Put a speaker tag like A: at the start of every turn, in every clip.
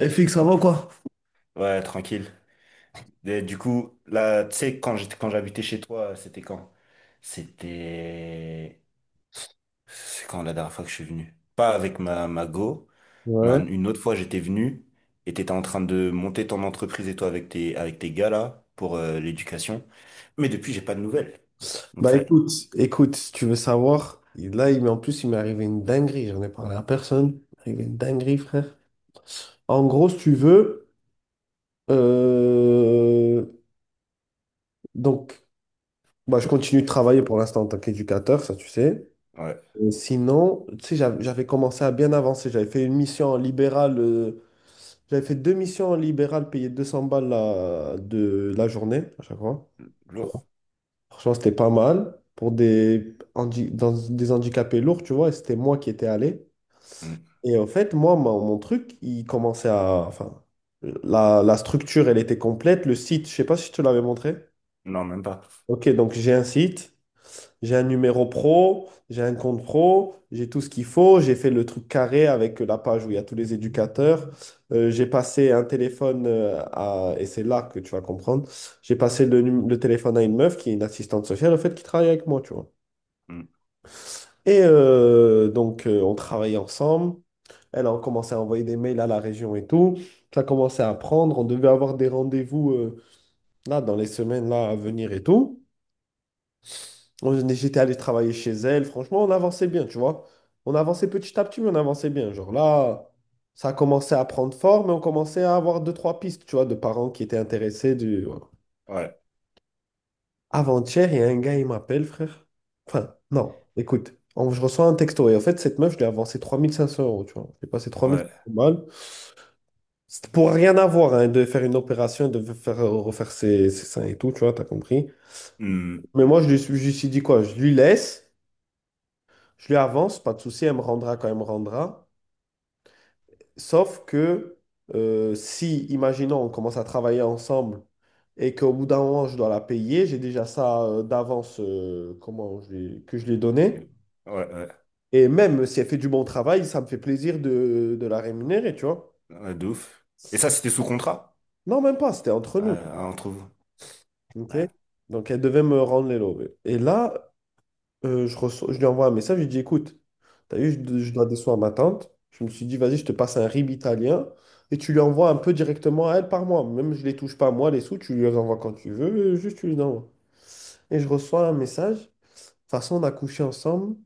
A: FX, ça avant quoi?
B: Ouais, tranquille. Et du coup, là, tu sais, quand j'habitais chez toi, c'était quand? C'était... C'est quand la dernière fois que je suis venu? Pas avec ma go, mais
A: Ouais.
B: une autre fois, j'étais venu et t'étais en train de monter ton entreprise et toi avec tes gars là, pour l'éducation. Mais depuis, j'ai pas de nouvelles. Donc
A: Bah
B: ça.
A: écoute, écoute, si tu veux savoir, là, en plus, il m'est arrivé une dinguerie, j'en ai parlé à personne. Il m'est arrivé une dinguerie, frère. En gros, si tu veux, euh, donc, bah, je continue de travailler pour l'instant en tant qu'éducateur, ça tu sais.
B: Ouais,
A: Et sinon, tu sais, j'avais commencé à bien avancer, j'avais fait une mission en libéral, j'avais fait deux missions en libéral payées 200 balles la, de la journée à chaque fois.
B: lourd.
A: Franchement, c'était pas mal pour dans des handicapés lourds, tu vois. Et c'était moi qui étais allé.
B: Hmm.
A: Et en fait, moi, mon truc, il commençait à. Enfin, la structure, elle était complète. Le site, je sais pas si je te l'avais montré.
B: Non, même pas.
A: Ok, donc j'ai un site, j'ai un numéro pro, j'ai un compte pro, j'ai tout ce qu'il faut. J'ai fait le truc carré avec la page où il y a tous les éducateurs. J'ai passé un téléphone à. Et c'est là que tu vas comprendre. J'ai passé le téléphone à une meuf qui est une assistante sociale, en fait, qui travaille avec moi, tu vois.
B: Hmm.
A: Et donc, on travaillait ensemble. Elle a commencé à envoyer des mails à la région et tout. Ça commençait à prendre. On devait avoir des rendez-vous là dans les semaines là à venir et tout. J'étais allé travailler chez elle. Franchement, on avançait bien, tu vois. On avançait petit à petit, mais on avançait bien. Genre là, ça a commencé à prendre forme et on commençait à avoir deux, trois pistes, tu vois, de parents qui étaient intéressés. Du...
B: Ouais,
A: Avant-hier, il y a un gars, il m'appelle, frère. Enfin, non, écoute, je reçois un texto. Et en fait, cette meuf, je lui ai avancé 3 500 euros, tu vois. J'ai passé
B: ouais.
A: 3500 balles. C'était pour rien avoir, hein, de faire une opération, de faire, refaire ses seins et tout, tu vois, t'as compris.
B: Hmm.
A: Mais moi, je lui suis dit quoi? Je lui laisse, je lui avance, pas de souci, elle me rendra quand elle me rendra. Sauf que si, imaginons, on commence à travailler ensemble et qu'au bout d'un moment, je dois la payer, j'ai déjà ça d'avance, que je lui ai donné.
B: Ouais, ouais.
A: Et même si elle fait du bon travail, ça me fait plaisir de la rémunérer, tu vois.
B: Ouais, de ouf. Et ça, c'était sous contrat,
A: Non, même pas, c'était entre nous.
B: entre vous.
A: Ok.
B: Ouais.
A: Donc, elle devait me rendre les lovés. Et là, je lui envoie un message, je lui dis, écoute, t'as vu, je dois décevoir ma tante. Je me suis dit, vas-y, je te passe un RIB italien et tu lui envoies un peu directement à elle par mois. Même je les touche pas, moi, les sous, tu lui les envoies quand tu veux, juste tu lui envoies. Et je reçois un message, de toute façon, on a couché ensemble,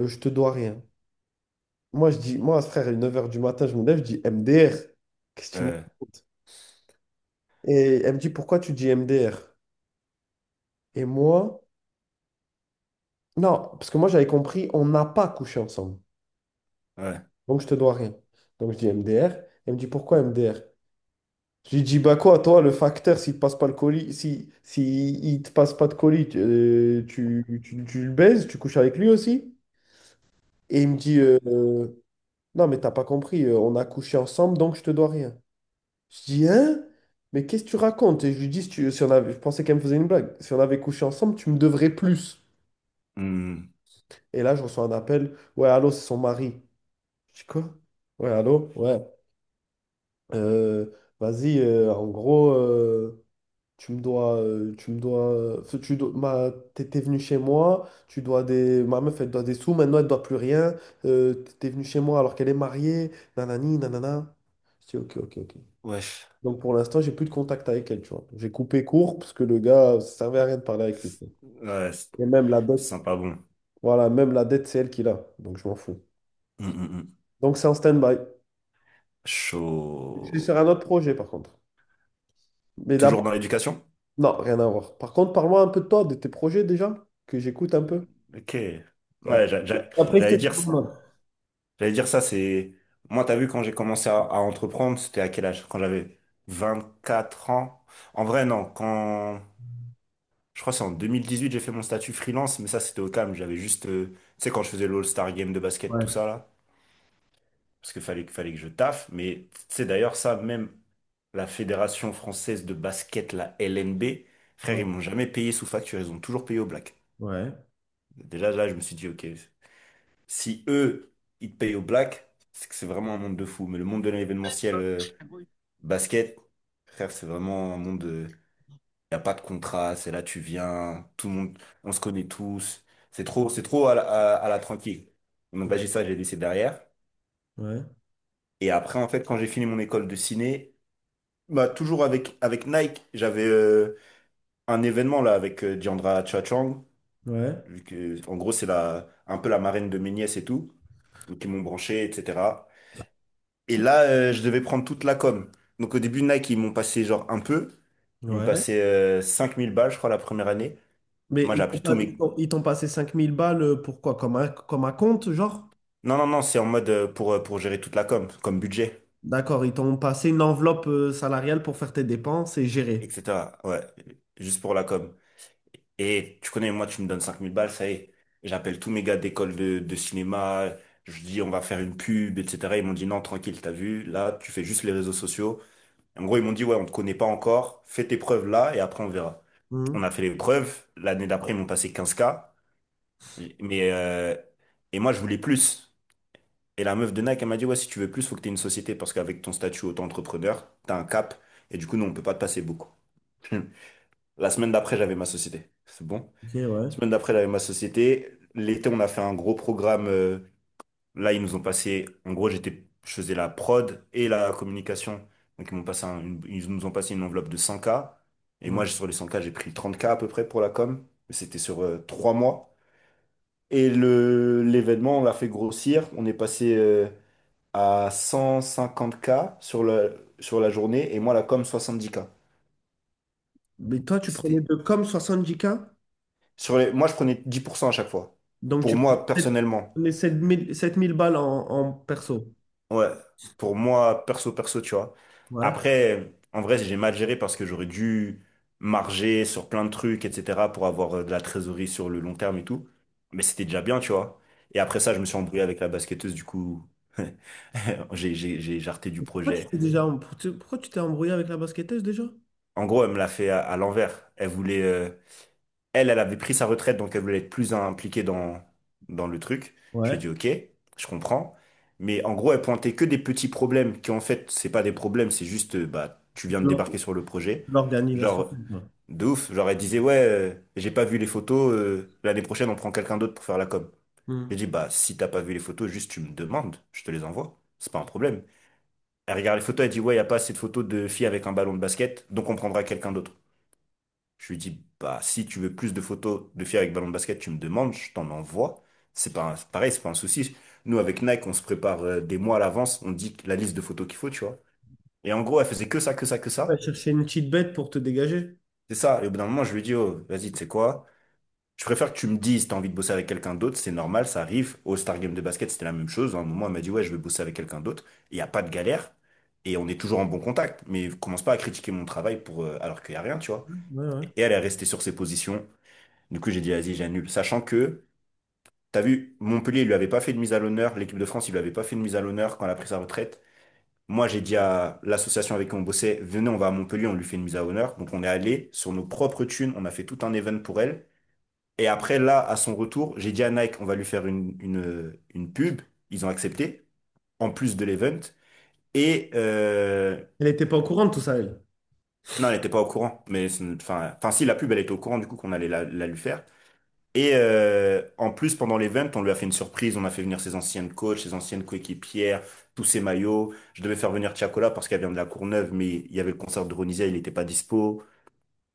A: je te dois rien. Moi, je dis, moi, frère, à 9 h du matin, je me lève, je dis MDR. Qu'est-ce que tu me
B: Euh,
A: racontes? Et elle me dit, pourquoi tu dis MDR? Et moi, non, parce que moi, j'avais compris, on n'a pas couché ensemble.
B: ouais.
A: Donc, je te dois rien. Donc, je dis MDR. Elle me dit, pourquoi MDR? Je lui dis, bah quoi, toi, le facteur, s'il te passe pas le colis, si il te passe pas de colis, tu le baises, tu couches avec lui aussi? Et il me dit, non, mais t'as pas compris, on a couché ensemble, donc je te dois rien. Je dis, hein? Mais qu'est-ce que tu racontes? Et je lui dis, si on avait, je pensais qu'elle me faisait une blague. Si on avait couché ensemble, tu me devrais plus.
B: Hmm.
A: Et là, je reçois un appel. Ouais, allô, c'est son mari. Je dis quoi? Ouais, allô? Ouais. Euh, vas-y, en gros, tu me dois. T'es venu chez moi, tu dois des. Ma meuf, elle doit des sous, maintenant, elle doit plus rien. T'es venu chez moi alors qu'elle est mariée. Nanani, nanana. Je dis, ok, ok, ok.
B: Wesh.
A: Donc pour l'instant, j'ai plus de contact avec elle, tu vois. J'ai coupé court parce que le gars, ça servait à rien de parler avec lui. Tu vois.
B: Ouais, c'est
A: Et même la
B: c'est
A: dette,
B: sympa, bon.
A: voilà, même la dette, c'est elle qui l'a. Donc je m'en fous.
B: Hmm, hmm, hmm.
A: Donc c'est en stand-by. Je suis sur
B: Chaud.
A: un autre projet par contre. Mais
B: Toujours dans
A: d'abord,
B: l'éducation?
A: non, rien à voir. Par contre, parle-moi un peu de toi, de tes projets déjà, que j'écoute un peu.
B: Ok.
A: Et
B: Ouais,
A: après, après, je
B: j'allais
A: te dis
B: dire,
A: mon nom.
B: j'allais dire ça. Moi, t'as vu, quand j'ai commencé à entreprendre, c'était à quel âge? Quand j'avais 24 ans? En vrai, non. Je crois que c'est en 2018 j'ai fait mon statut freelance, mais ça, c'était au calme. Tu sais, quand je faisais l'All-Star Game de basket, tout
A: Ouais,
B: ça, là. Parce qu'il fallait que je taffe. Mais, tu sais, d'ailleurs, la Fédération française de basket, la LNB, frère, ils
A: ouais,
B: m'ont jamais payé sous facture, ils ont toujours payé au black.
A: ouais,
B: Déjà là, je me suis dit, ok, si eux, ils te payent au black, c'est que c'est vraiment un monde de fou. Mais le monde de l'événementiel basket, frère, c'est vraiment un monde. Il n'y a pas de contrat, c'est là tu viens, tout le monde, on se connaît tous. C'est trop à la tranquille. Donc là, j'ai ça, j'ai laissé derrière.
A: ouais,
B: Et après, en fait, quand j'ai fini mon école de ciné, bah, toujours avec Nike, un événement là avec Diandra Chachang,
A: ouais,
B: vu que en gros c'est la un peu la marraine de mes nièces et tout, donc ils m'ont branché, etc. Et là je devais prendre toute la com. Donc au début Nike ils m'ont passé genre un peu, ils me
A: ouais.
B: passaient 5000 balles je crois la première année.
A: Mais
B: Moi j'ai
A: ils t'ont
B: appelé tous
A: pas-
B: mes...
A: ils t'ont passé 5000 balles pour quoi? Comme un compte, genre?
B: Non, non, non, c'est en mode pour gérer toute la com, comme budget,
A: D'accord, ils t'ont passé une enveloppe salariale pour faire tes dépenses et gérer.
B: etc. Ouais, juste pour la com. Et tu connais, moi, tu me donnes 5000 balles, ça y est. J'appelle tous mes gars d'école de cinéma, je dis on va faire une pub, etc. Ils m'ont dit non, tranquille, t'as vu, là, tu fais juste les réseaux sociaux. En gros, ils m'ont dit ouais, on te connaît pas encore, fais tes preuves là et après on verra. On
A: Mhm.
B: a fait les preuves, l'année d'après, ils m'ont passé 15K, mais et moi, je voulais plus. Et la meuf de Nike, elle m'a dit ouais, si tu veux plus, faut que t'aies une société parce qu'avec ton statut auto-entrepreneur, t'as un cap et du coup, non, on peut pas te passer beaucoup. La semaine d'après, j'avais ma société. C'est bon?
A: Ok, ouais.
B: Semaine d'après, la ma société. L'été, on a fait un gros programme. Là, ils nous ont passé. En gros, je faisais la prod et la communication. Donc, ils nous ont passé une enveloppe de 100K. Et
A: Ouais.
B: moi, sur les 100K, j'ai pris 30K à peu près pour la com. Mais c'était sur 3 mois. Et l'événement, on l'a fait grossir. On est passé à 150K sur la journée. Et moi, la com, 70K.
A: Mais toi, tu prenais
B: C'était,
A: de comme 70K
B: moi, je prenais 10% à chaque fois.
A: donc
B: Pour moi, personnellement.
A: prenais sept mille balles en, en perso.
B: Ouais, pour moi, perso, perso, tu vois.
A: Ouais.
B: Après, en vrai, j'ai mal géré parce que j'aurais dû marger sur plein de trucs, etc., pour avoir de la trésorerie sur le long terme et tout. Mais c'était déjà bien, tu vois. Et après ça, je me suis embrouillé avec la basketteuse, du coup, j'ai jarté du
A: Pourquoi tu
B: projet.
A: t'es déjà, em- tu- pourquoi tu t'es embrouillé avec la basketteuse déjà?
B: En gros, elle me l'a fait à l'envers. Elle, elle avait pris sa retraite, donc elle voulait être plus impliquée dans le truc. Je lui ai
A: Ouais.
B: dit, ok, je comprends. Mais en gros, elle pointait que des petits problèmes qui, en fait, c'est pas des problèmes, c'est juste, bah, tu viens de
A: L'or-
B: débarquer sur le projet.
A: L'organisation.
B: Genre,
A: Ouais.
B: de ouf. Genre, elle disait, ouais, j'ai pas vu les photos, l'année prochaine, on prend quelqu'un d'autre pour faire la com.
A: Mhm.
B: J'ai dit, bah, si t'as pas vu les photos, juste tu me demandes, je te les envoie. C'est pas un problème. Elle regarde les photos, elle dit, ouais, y a pas assez de photos de filles avec un ballon de basket, donc on prendra quelqu'un d'autre. Je lui dis, bah, si tu veux plus de photos de filles avec ballon de basket, tu me demandes, je t'en envoie. C'est pas un- Pareil, c'est pas un souci. Nous, avec Nike, on se prépare des mois à l'avance, on dit la liste de photos qu'il faut, tu vois. Et en gros, elle faisait que ça, que ça, que
A: Ouais,
B: ça.
A: chercher une petite bête pour te dégager.
B: C'est ça. Et au bout d'un moment, je lui dis, oh, vas-y, tu sais quoi? Je préfère que tu me dises, t'as envie de bosser avec quelqu'un d'autre, c'est normal, ça arrive. Au Star Game de basket, c'était la même chose. À un moment, elle m'a dit, ouais, je vais bosser avec quelqu'un d'autre. Il n'y a pas de galère. Et on est toujours en bon contact. Mais commence pas à critiquer mon travail alors qu'il n'y a rien, tu vois.
A: Ouais, ouais.
B: Et elle est restée sur ses positions. Du coup, j'ai dit, vas-y, j'annule. Sachant que, t'as vu, Montpellier, il lui avait pas fait de mise à l'honneur. L'équipe de France, il lui avait pas fait de mise à l'honneur quand elle a pris sa retraite. Moi, j'ai dit à l'association avec qui on bossait, venez, on va à Montpellier, on lui fait une mise à l'honneur. Donc, on est allé sur nos propres thunes, on a fait tout un event pour elle. Et après, là, à son retour, j'ai dit à Nike, on va lui faire une pub. Ils ont accepté, en plus de l'event. Et, euh,
A: Elle n'était pas au courant de tout ça, elle.
B: non, elle n'était pas au courant. Enfin, si, la pub, elle était au courant, du coup, qu'on allait la lui faire. En plus, pendant l'event, on lui a fait une surprise. On a fait venir ses anciennes coachs, ses anciennes coéquipières, tous ses maillots. Je devais faire venir Tiakola parce qu'elle vient de la Courneuve, mais il y avait le concert de Ronisia, il n'était pas dispo.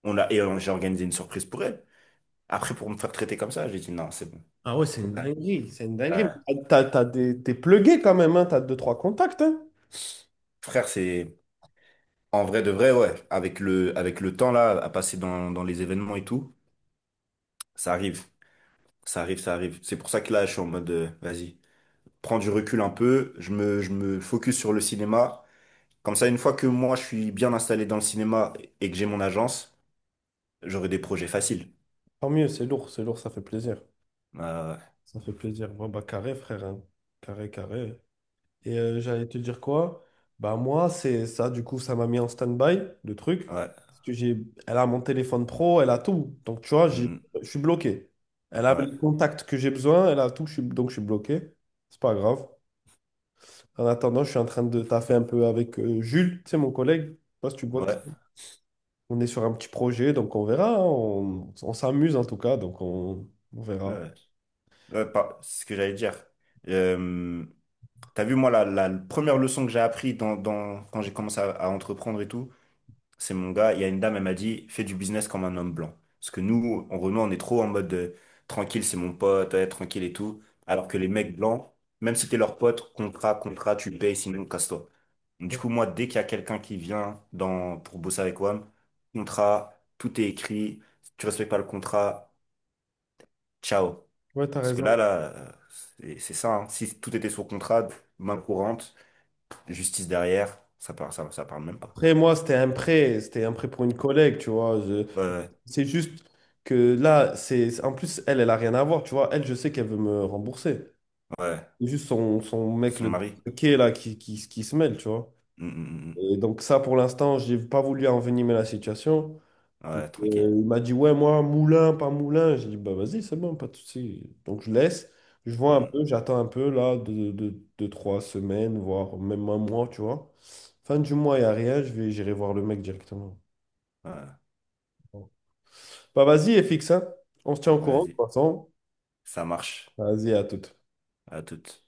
B: On l'a et J'ai organisé une surprise pour elle. Après, pour me faire traiter comme ça, j'ai dit non, c'est bon.
A: Ah ouais, c'est
B: Au
A: une
B: calme.
A: dinguerie, c'est une dinguerie.
B: Euh,
A: Mais t'as des, t'es plugué quand même, hein, t'as deux, trois contacts, hein.
B: Frère, c'est en vrai de vrai, ouais. Avec le temps là, à passer dans les événements et tout, ça arrive, ça arrive, ça arrive. C'est pour ça que là, je suis en mode, vas-y, prends du recul un peu. Je me focus sur le cinéma. Comme ça, une fois que moi, je suis bien installé dans le cinéma et que j'ai mon agence, j'aurai des projets faciles.
A: Tant mieux, c'est lourd, ça fait plaisir.
B: Euh,
A: Ça fait plaisir. Bon, bah, carré, frère. Hein. Carré, carré. Et j'allais te dire quoi? Bah, moi, c'est ça, du coup, ça m'a mis en stand-by, le truc.
B: ouais,
A: Parce que j'ai... Elle a mon téléphone pro, elle a tout. Donc, tu vois,
B: mm, mm,
A: je suis bloqué. Elle a
B: ouais,
A: les contacts que j'ai besoin, elle a tout, je suis... donc je suis bloqué. C'est pas grave. En attendant, je suis en train de taffer un peu avec Jules, tu sais, mon collègue. Je sais pas si tu vois qui-
B: ouais,
A: on est sur un petit projet, donc on verra. Hein. On s'amuse en tout cas, donc on
B: ouais,
A: verra.
B: ouais. Ouais, c'est ce que j'allais dire. Euh, T'as vu, moi, la première leçon que j'ai appris quand j'ai commencé à entreprendre et tout, c'est mon gars, il y a une dame, elle m'a dit, fais du business comme un homme blanc. Parce que nous, en Renault, on est trop en mode tranquille, c'est mon pote, ouais, tranquille et tout. Alors que les mecs blancs, même si t'es leur pote, contrat, contrat, tu payes, sinon casse-toi. Du coup, moi, dès qu'il y a quelqu'un qui pour bosser avec WAM, contrat, tout est écrit, si tu respectes pas le contrat, ciao.
A: Ouais, t'as
B: Parce que
A: raison.
B: euh, c'est ça, hein. Si tout était sur contrat, main courante, justice derrière, ça parle, ça parle même pas.
A: Après, moi, c'était un prêt pour une collègue, tu vois.
B: Ouais, ouais,
A: C'est juste que là, en plus, elle a rien à voir, tu vois. Elle, je sais qu'elle veut me rembourser.
B: ouais,
A: C'est juste son mec,
B: son
A: le
B: mari.
A: qui est là, qui se mêle, tu vois.
B: Mm, mm, mm.
A: Et donc, ça, pour l'instant, j'ai pas voulu envenimer la situation.
B: Mm. Ouais, tranquille.
A: Il m'a dit, ouais, moi, moulin, pas moulin. J'ai dit, bah vas-y, c'est bon, pas de souci. Donc je laisse, je vois
B: Mm,
A: un
B: mm.
A: peu, j'attends un peu, là, deux, trois semaines, voire même un mois, tu vois. Fin du mois, il n'y a rien, j'irai voir le mec directement.
B: Ouais,
A: Bon. Bah vas-y, FX, hein. On se tient au courant, de toute
B: vas-y,
A: façon.
B: ça marche.
A: Vas-y, à toute.
B: À toute.